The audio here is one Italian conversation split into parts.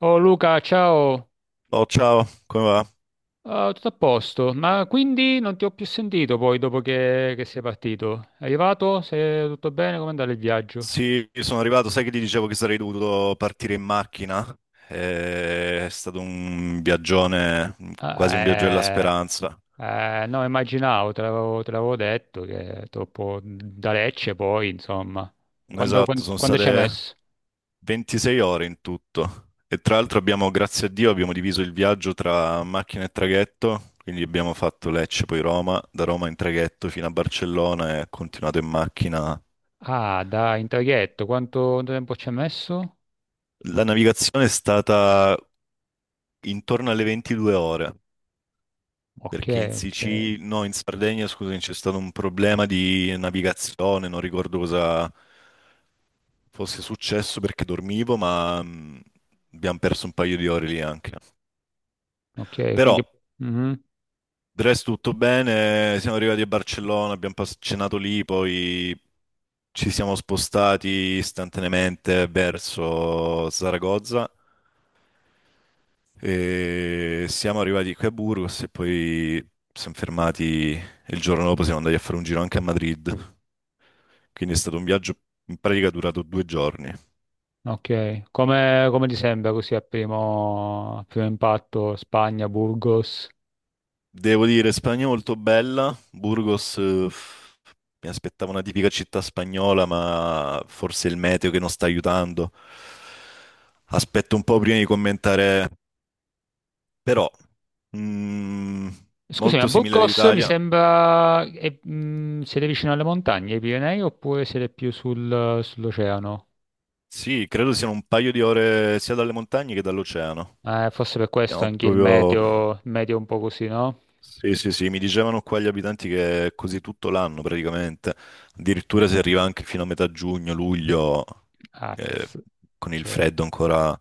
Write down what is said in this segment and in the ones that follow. Oh Luca, ciao. Oh, ciao, come va? Ah, tutto a posto, ma quindi non ti ho più sentito poi dopo che sei partito. È arrivato? Sei tutto bene? Come è andato il viaggio? Sì, sono arrivato, sai che ti dicevo che sarei dovuto partire in macchina? È stato un viaggione, Ah, quasi un viaggio della Eh, speranza. No, immaginavo, te l'avevo detto che troppo da Lecce poi, insomma. Esatto, sono Quando ci hai state messo? 26 ore in tutto. E tra l'altro abbiamo, grazie a Dio, abbiamo diviso il viaggio tra macchina e traghetto, quindi abbiamo fatto Lecce, poi Roma, da Roma in traghetto fino a Barcellona e continuato in macchina. Ah, da in traghetto, quanto tempo ci hai messo? La navigazione è stata intorno alle 22 ore. Ok, Perché in ok, Sicilia, no, in Sardegna, scusami, c'è stato un problema di navigazione, non ricordo cosa fosse successo perché dormivo, ma abbiamo perso un paio di ore lì anche. ok, Però, quindi. Mhm. del resto tutto bene, siamo arrivati a Barcellona, abbiamo cenato lì, poi ci siamo spostati istantaneamente verso Saragozza. E siamo arrivati qui a Burgos e poi siamo fermati e il giorno dopo siamo andati a fare un giro anche a Madrid. Quindi è stato un viaggio in pratica durato 2 giorni. Ok, come ti sembra così a primo impatto Spagna, Burgos? Devo dire, Spagna molto bella. Burgos, mi aspettavo una tipica città spagnola, ma forse il meteo che non sta aiutando. Aspetto un po' prima di commentare, però, mm, Scusami, a molto simile Burgos mi all'Italia. sembra. Siete vicino alle montagne, ai Pirenei, oppure siete più sull'oceano? Sì, credo siano un paio di ore sia dalle montagne che dall'oceano. Forse per questo Siamo anche il proprio. meteo, il meteo è un po' così, no? Sì, sì, sì, mi dicevano qua gli abitanti che è così tutto l'anno praticamente, addirittura si arriva anche fino a metà giugno, luglio, Ah, eh, con il ok. freddo ancora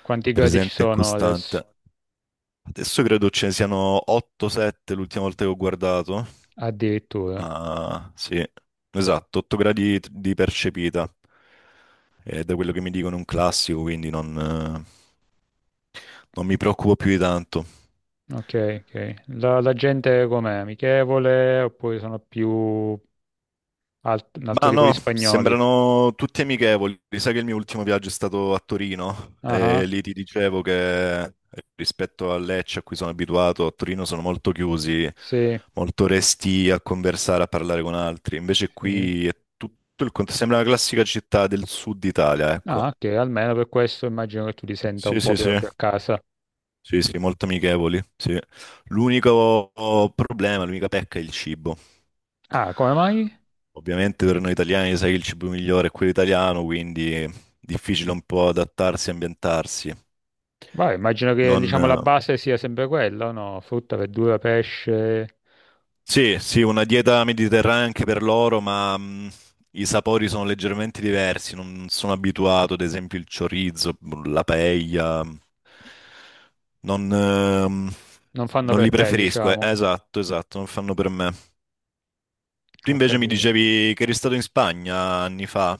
Quanti gradi ci presente e sono adesso? costante. Adesso credo ce ne siano 8-7 l'ultima volta che ho guardato, Addirittura. ma sì, esatto, 8 gradi di percepita, è da quello che mi dicono è un classico, quindi eh, non mi preoccupo più di tanto. Ok, ok. La gente com'è? Amichevole oppure sono più un altro Ma tipo di no, spagnoli? sembrano tutti amichevoli. Sai che il mio ultimo viaggio è stato a Torino e Ah. lì ti dicevo che rispetto a Lecce a cui sono abituato, a Torino sono molto chiusi, Sì, molto resti a conversare, a parlare con altri. Invece sì, sì. qui è tutto il contrario, sembra una classica città del sud Italia, ecco. Ah, ok, almeno per questo immagino che tu ti senta un Sì, po' sì, più, sì. più a casa. Sì, sì, molto amichevoli, sì. L'unico problema, l'unica pecca è il cibo. Ah, come mai? Ovviamente per noi italiani sai che il cibo migliore è quello italiano, quindi è difficile un po' adattarsi e ambientarsi. Vai, immagino che Non- diciamo la base sia sempre quella, o no? Frutta, verdura, pesce, Sì, sì, una dieta mediterranea anche per loro, ma i sapori sono leggermente diversi. Non sono abituato, ad esempio, il chorizo, la paella. Non, ehm, non fanno non li per te, preferisco. Diciamo. Esatto, esatto, non fanno per me. Tu Ho invece mi capito. dicevi che eri stato in Spagna anni fa.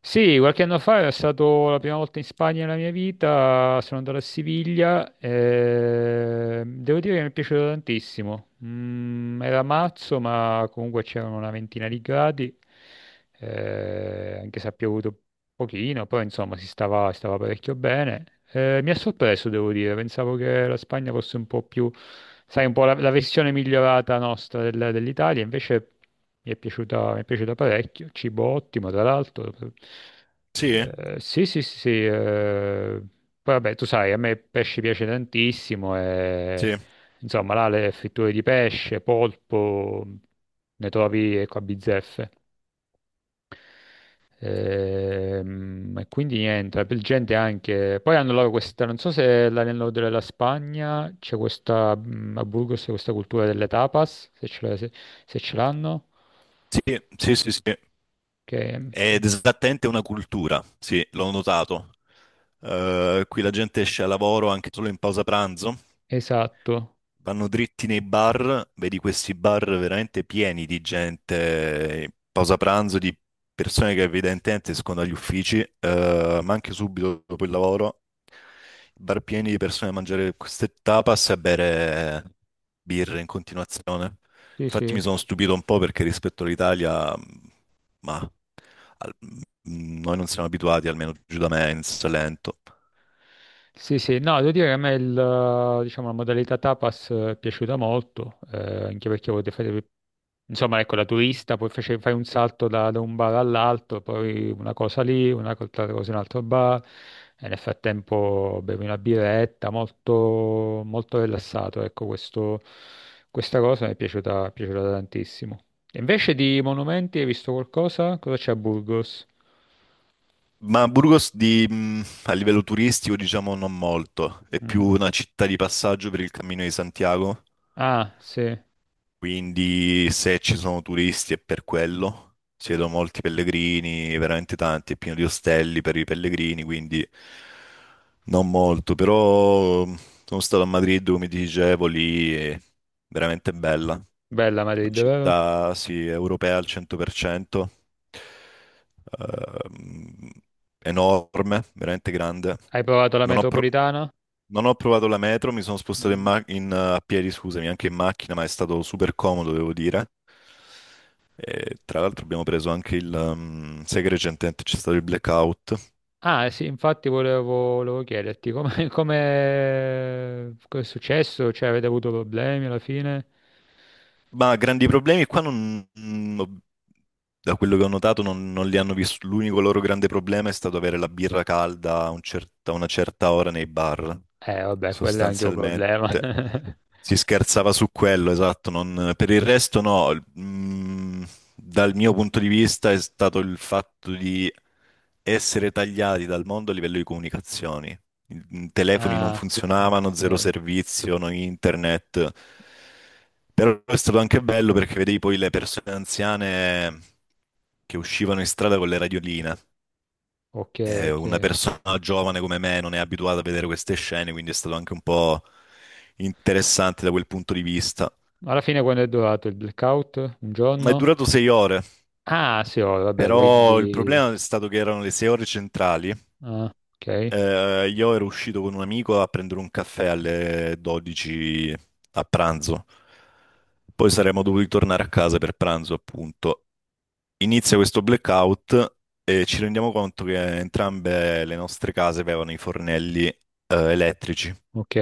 Sì, qualche anno fa è stato la prima volta in Spagna nella mia vita, sono andato a Siviglia e devo dire che mi è piaciuto tantissimo. Era marzo, ma comunque c'erano una ventina di gradi, anche se ha piovuto pochino, poi insomma si stava parecchio bene. Mi ha sorpreso, devo dire, pensavo che la Spagna fosse un po' più, sai, un po' la versione migliorata nostra dell'Italia, invece mi è piaciuta parecchio, cibo ottimo, tra l'altro. Sì, Sì, sì, sì, sì, poi vabbè, tu sai, a me il pesce piace tantissimo e sì, insomma là le fritture di pesce, polpo, ne trovi ecco, a bizzeffe. E, quindi niente, la gente anche. Poi hanno loro questa, non so se nel nord della Spagna c'è questa, a Burgos c'è questa cultura delle tapas, se se- ce l'hanno. sì, sì, sì, sì. Che. Ed esattamente una cultura, sì, l'ho notato. Qui la gente esce a lavoro anche solo in pausa pranzo, Esatto, vanno dritti nei bar, vedi questi bar veramente pieni di gente in pausa pranzo, di persone che evidentemente escono dagli uffici, ma anche subito dopo il lavoro, bar pieni di persone a mangiare queste tapas e a bere birre in continuazione. sì Infatti sì. mi sono stupito un po' perché rispetto all'Italia, ma al- mh, noi non siamo abituati, almeno giù da me, in Salento. Sì, sì, no, devo dire che a me il, diciamo, la modalità tapas è piaciuta molto, anche perché potete fare, insomma, ecco, la turista, poi fai un salto da un bar all'altro, poi una cosa lì, una altra cosa in un altro bar, e nel frattempo bevi una birretta, molto, molto rilassato, ecco, questa cosa mi è piaciuta tantissimo. E invece di monumenti, hai visto qualcosa? Cosa c'è a Burgos? Ma Burgos a livello turistico, diciamo, non molto. È più Mhm. una città di passaggio per il Cammino di Santiago. Ah, sì, Quindi se ci sono turisti è per quello, si vedono molti pellegrini, veramente tanti, è pieno di ostelli per i pellegrini, quindi non molto, però sono stato a Madrid, come ti dicevo, lì è veramente bella, bella una Madrid, vero? città sì, europea al 100%, ehm, enorme, veramente grande. Hai provato la Non ho, pro- metropolitana? non ho provato la metro, mi sono spostato Mhm. A piedi, scusami, anche in macchina, ma è stato super comodo, devo dire. E, tra l'altro abbiamo preso anche sai che recentemente c'è stato il blackout? Ah, sì, infatti volevo chiederti come, come è successo? Cioè, avete avuto problemi alla fine? Ma grandi problemi qua non... Da quello che ho notato non li hanno visto. L'unico loro grande problema è stato avere la birra calda a una certa ora nei bar, Vabbè, quello è anche un problema. sostanzialmente. Si scherzava su quello, esatto. Per il resto no. Dal mio punto di vista è stato il fatto di essere tagliati dal mondo a livello di comunicazioni. I telefoni non Ah, funzionavano, zero ok, servizio, no internet. Però è stato anche bello perché vedevi poi le persone anziane che uscivano in strada con le radioline. ok, ok. Una persona giovane come me non è abituata a vedere queste scene, quindi è stato anche un po' interessante da quel punto di vista. Alla fine quando è durato il blackout? Un Ma è giorno? durato 6 ore, Ah, sì, oh, vabbè, però il quindi. problema è stato che erano le 6 ore centrali. Ah, ok, Io ero uscito con un amico a prendere un caffè alle 12 a pranzo. Poi saremmo dovuti tornare a casa per pranzo, appunto. Inizia questo blackout e ci rendiamo conto che entrambe le nostre case avevano i fornelli, elettrici. ok,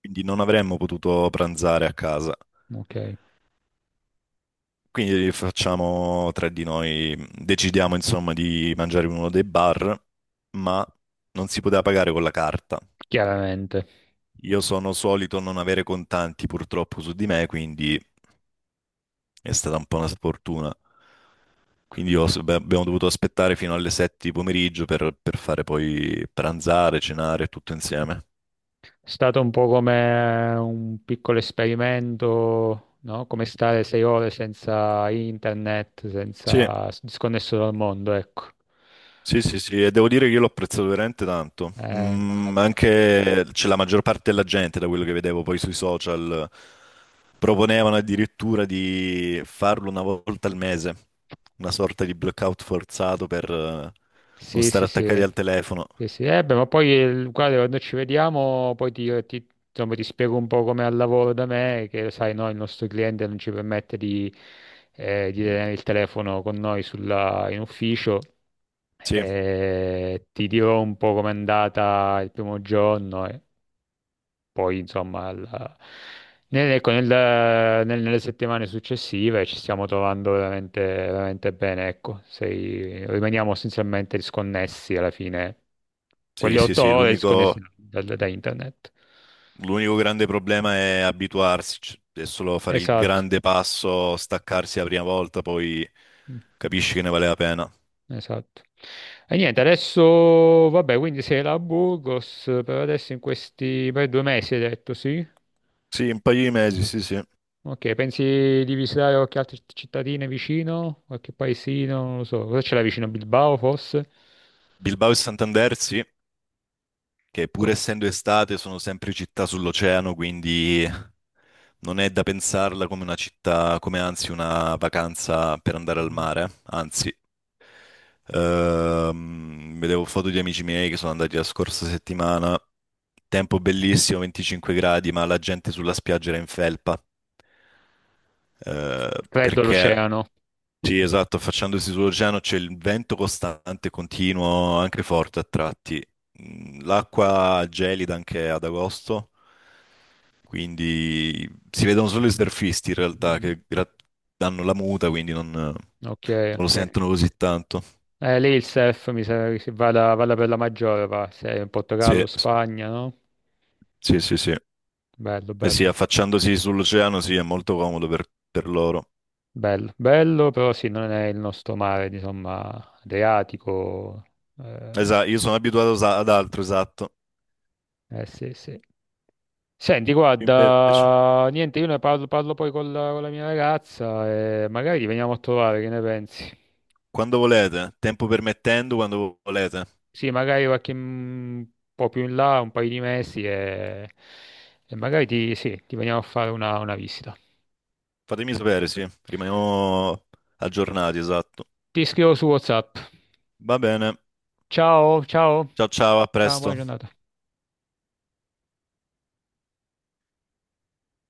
Quindi non avremmo potuto pranzare a casa. ok, Quindi facciamo tre di noi, decidiamo insomma di mangiare in uno dei bar, ma non si poteva pagare con la carta. chiaramente. Io sono solito non avere contanti purtroppo su di me, quindi è stata un po' una sfortuna. Quindi beh, abbiamo dovuto aspettare fino alle 7 di pomeriggio per fare poi pranzare, cenare tutto insieme. È stato un po' come un piccolo esperimento, no? Come stare 6 ore senza internet, Sì. senza disconnesso dal mondo, ecco. Sì, sì, sì, e devo dire che io l'ho apprezzato veramente tanto. Immagino. Anche c'è la maggior parte della gente, da quello che vedevo poi sui social, proponevano addirittura di farlo una volta al mese, una sorta di blackout forzato per non Sì, sì, stare attaccati sì. al telefono. Sì, sì. Beh, ma poi, guarda, quando ci vediamo, poi insomma, ti spiego un po' come al lavoro da me, che lo sai, no, il nostro cliente non ci permette di tenere il telefono con noi in ufficio. Sì, Ti dirò un po' com'è andata il primo giorno. Poi insomma ecco, nelle settimane successive ci stiamo trovando veramente, veramente bene, ecco, rimaniamo essenzialmente disconnessi alla fine, sì, quelle sì, otto sì, ore disconnessi l'unico da internet. l'unico grande problema è abituarsi, è solo fare il Esatto, grande passo, staccarsi la prima volta, poi Mm, capisci che ne vale la pena. esatto. E niente, adesso, vabbè, quindi sei là a Burgos per adesso in questi per 2 mesi, hai detto, sì? Sì, un paio di mesi, sì, sì. Ok, pensi di visitare qualche altra cittadina vicino? Qualche paesino? Non lo so. Cosa c'è là vicino? Bilbao, forse? Bilbao e Santander, sì, che Co- pur essendo estate sono sempre città sull'oceano, quindi non è da pensarla come una città, come anzi una vacanza per andare al Mhm. mare, anzi. Vedevo foto di amici miei che sono andati la scorsa settimana. Tempo bellissimo, 25 gradi, ma la gente sulla spiaggia era in felpa. Eh, Freddo perché l'oceano. Sì, esatto, affacciandosi sull'oceano c'è il vento costante, continuo, anche forte a tratti. L'acqua gelida anche ad agosto, quindi si vedono solo i surfisti in realtà Mm, che danno la muta, quindi non ok, lo ok. sentono così tanto. Lì il surf mi sa che si vada per la maggiore, va. Se è in Sì, Portogallo, Spagna, no? sì, sì, sì. Bello, Eh sì, bello. affacciandosi sull'oceano sì, è molto comodo per loro. Bello, bello, però sì, non è il nostro mare, insomma, Adriatico. Eh, Esatto, io sono abituato ad altro, esatto. sì, sì. Senti, Invece, guarda, niente, io ne parlo poi con la mia ragazza e magari ti veniamo a trovare, che ne pensi? quando volete, tempo permettendo, quando volete. Sì, magari qualche po' più in là, un paio di mesi e, magari ti, sì, ti veniamo a fare una visita. Fatemi sapere, sì, rimaniamo aggiornati, esatto. Ti scrivo su WhatsApp. Va bene. Ciao, ciao, Ciao ciao, a ciao, buona presto. giornata.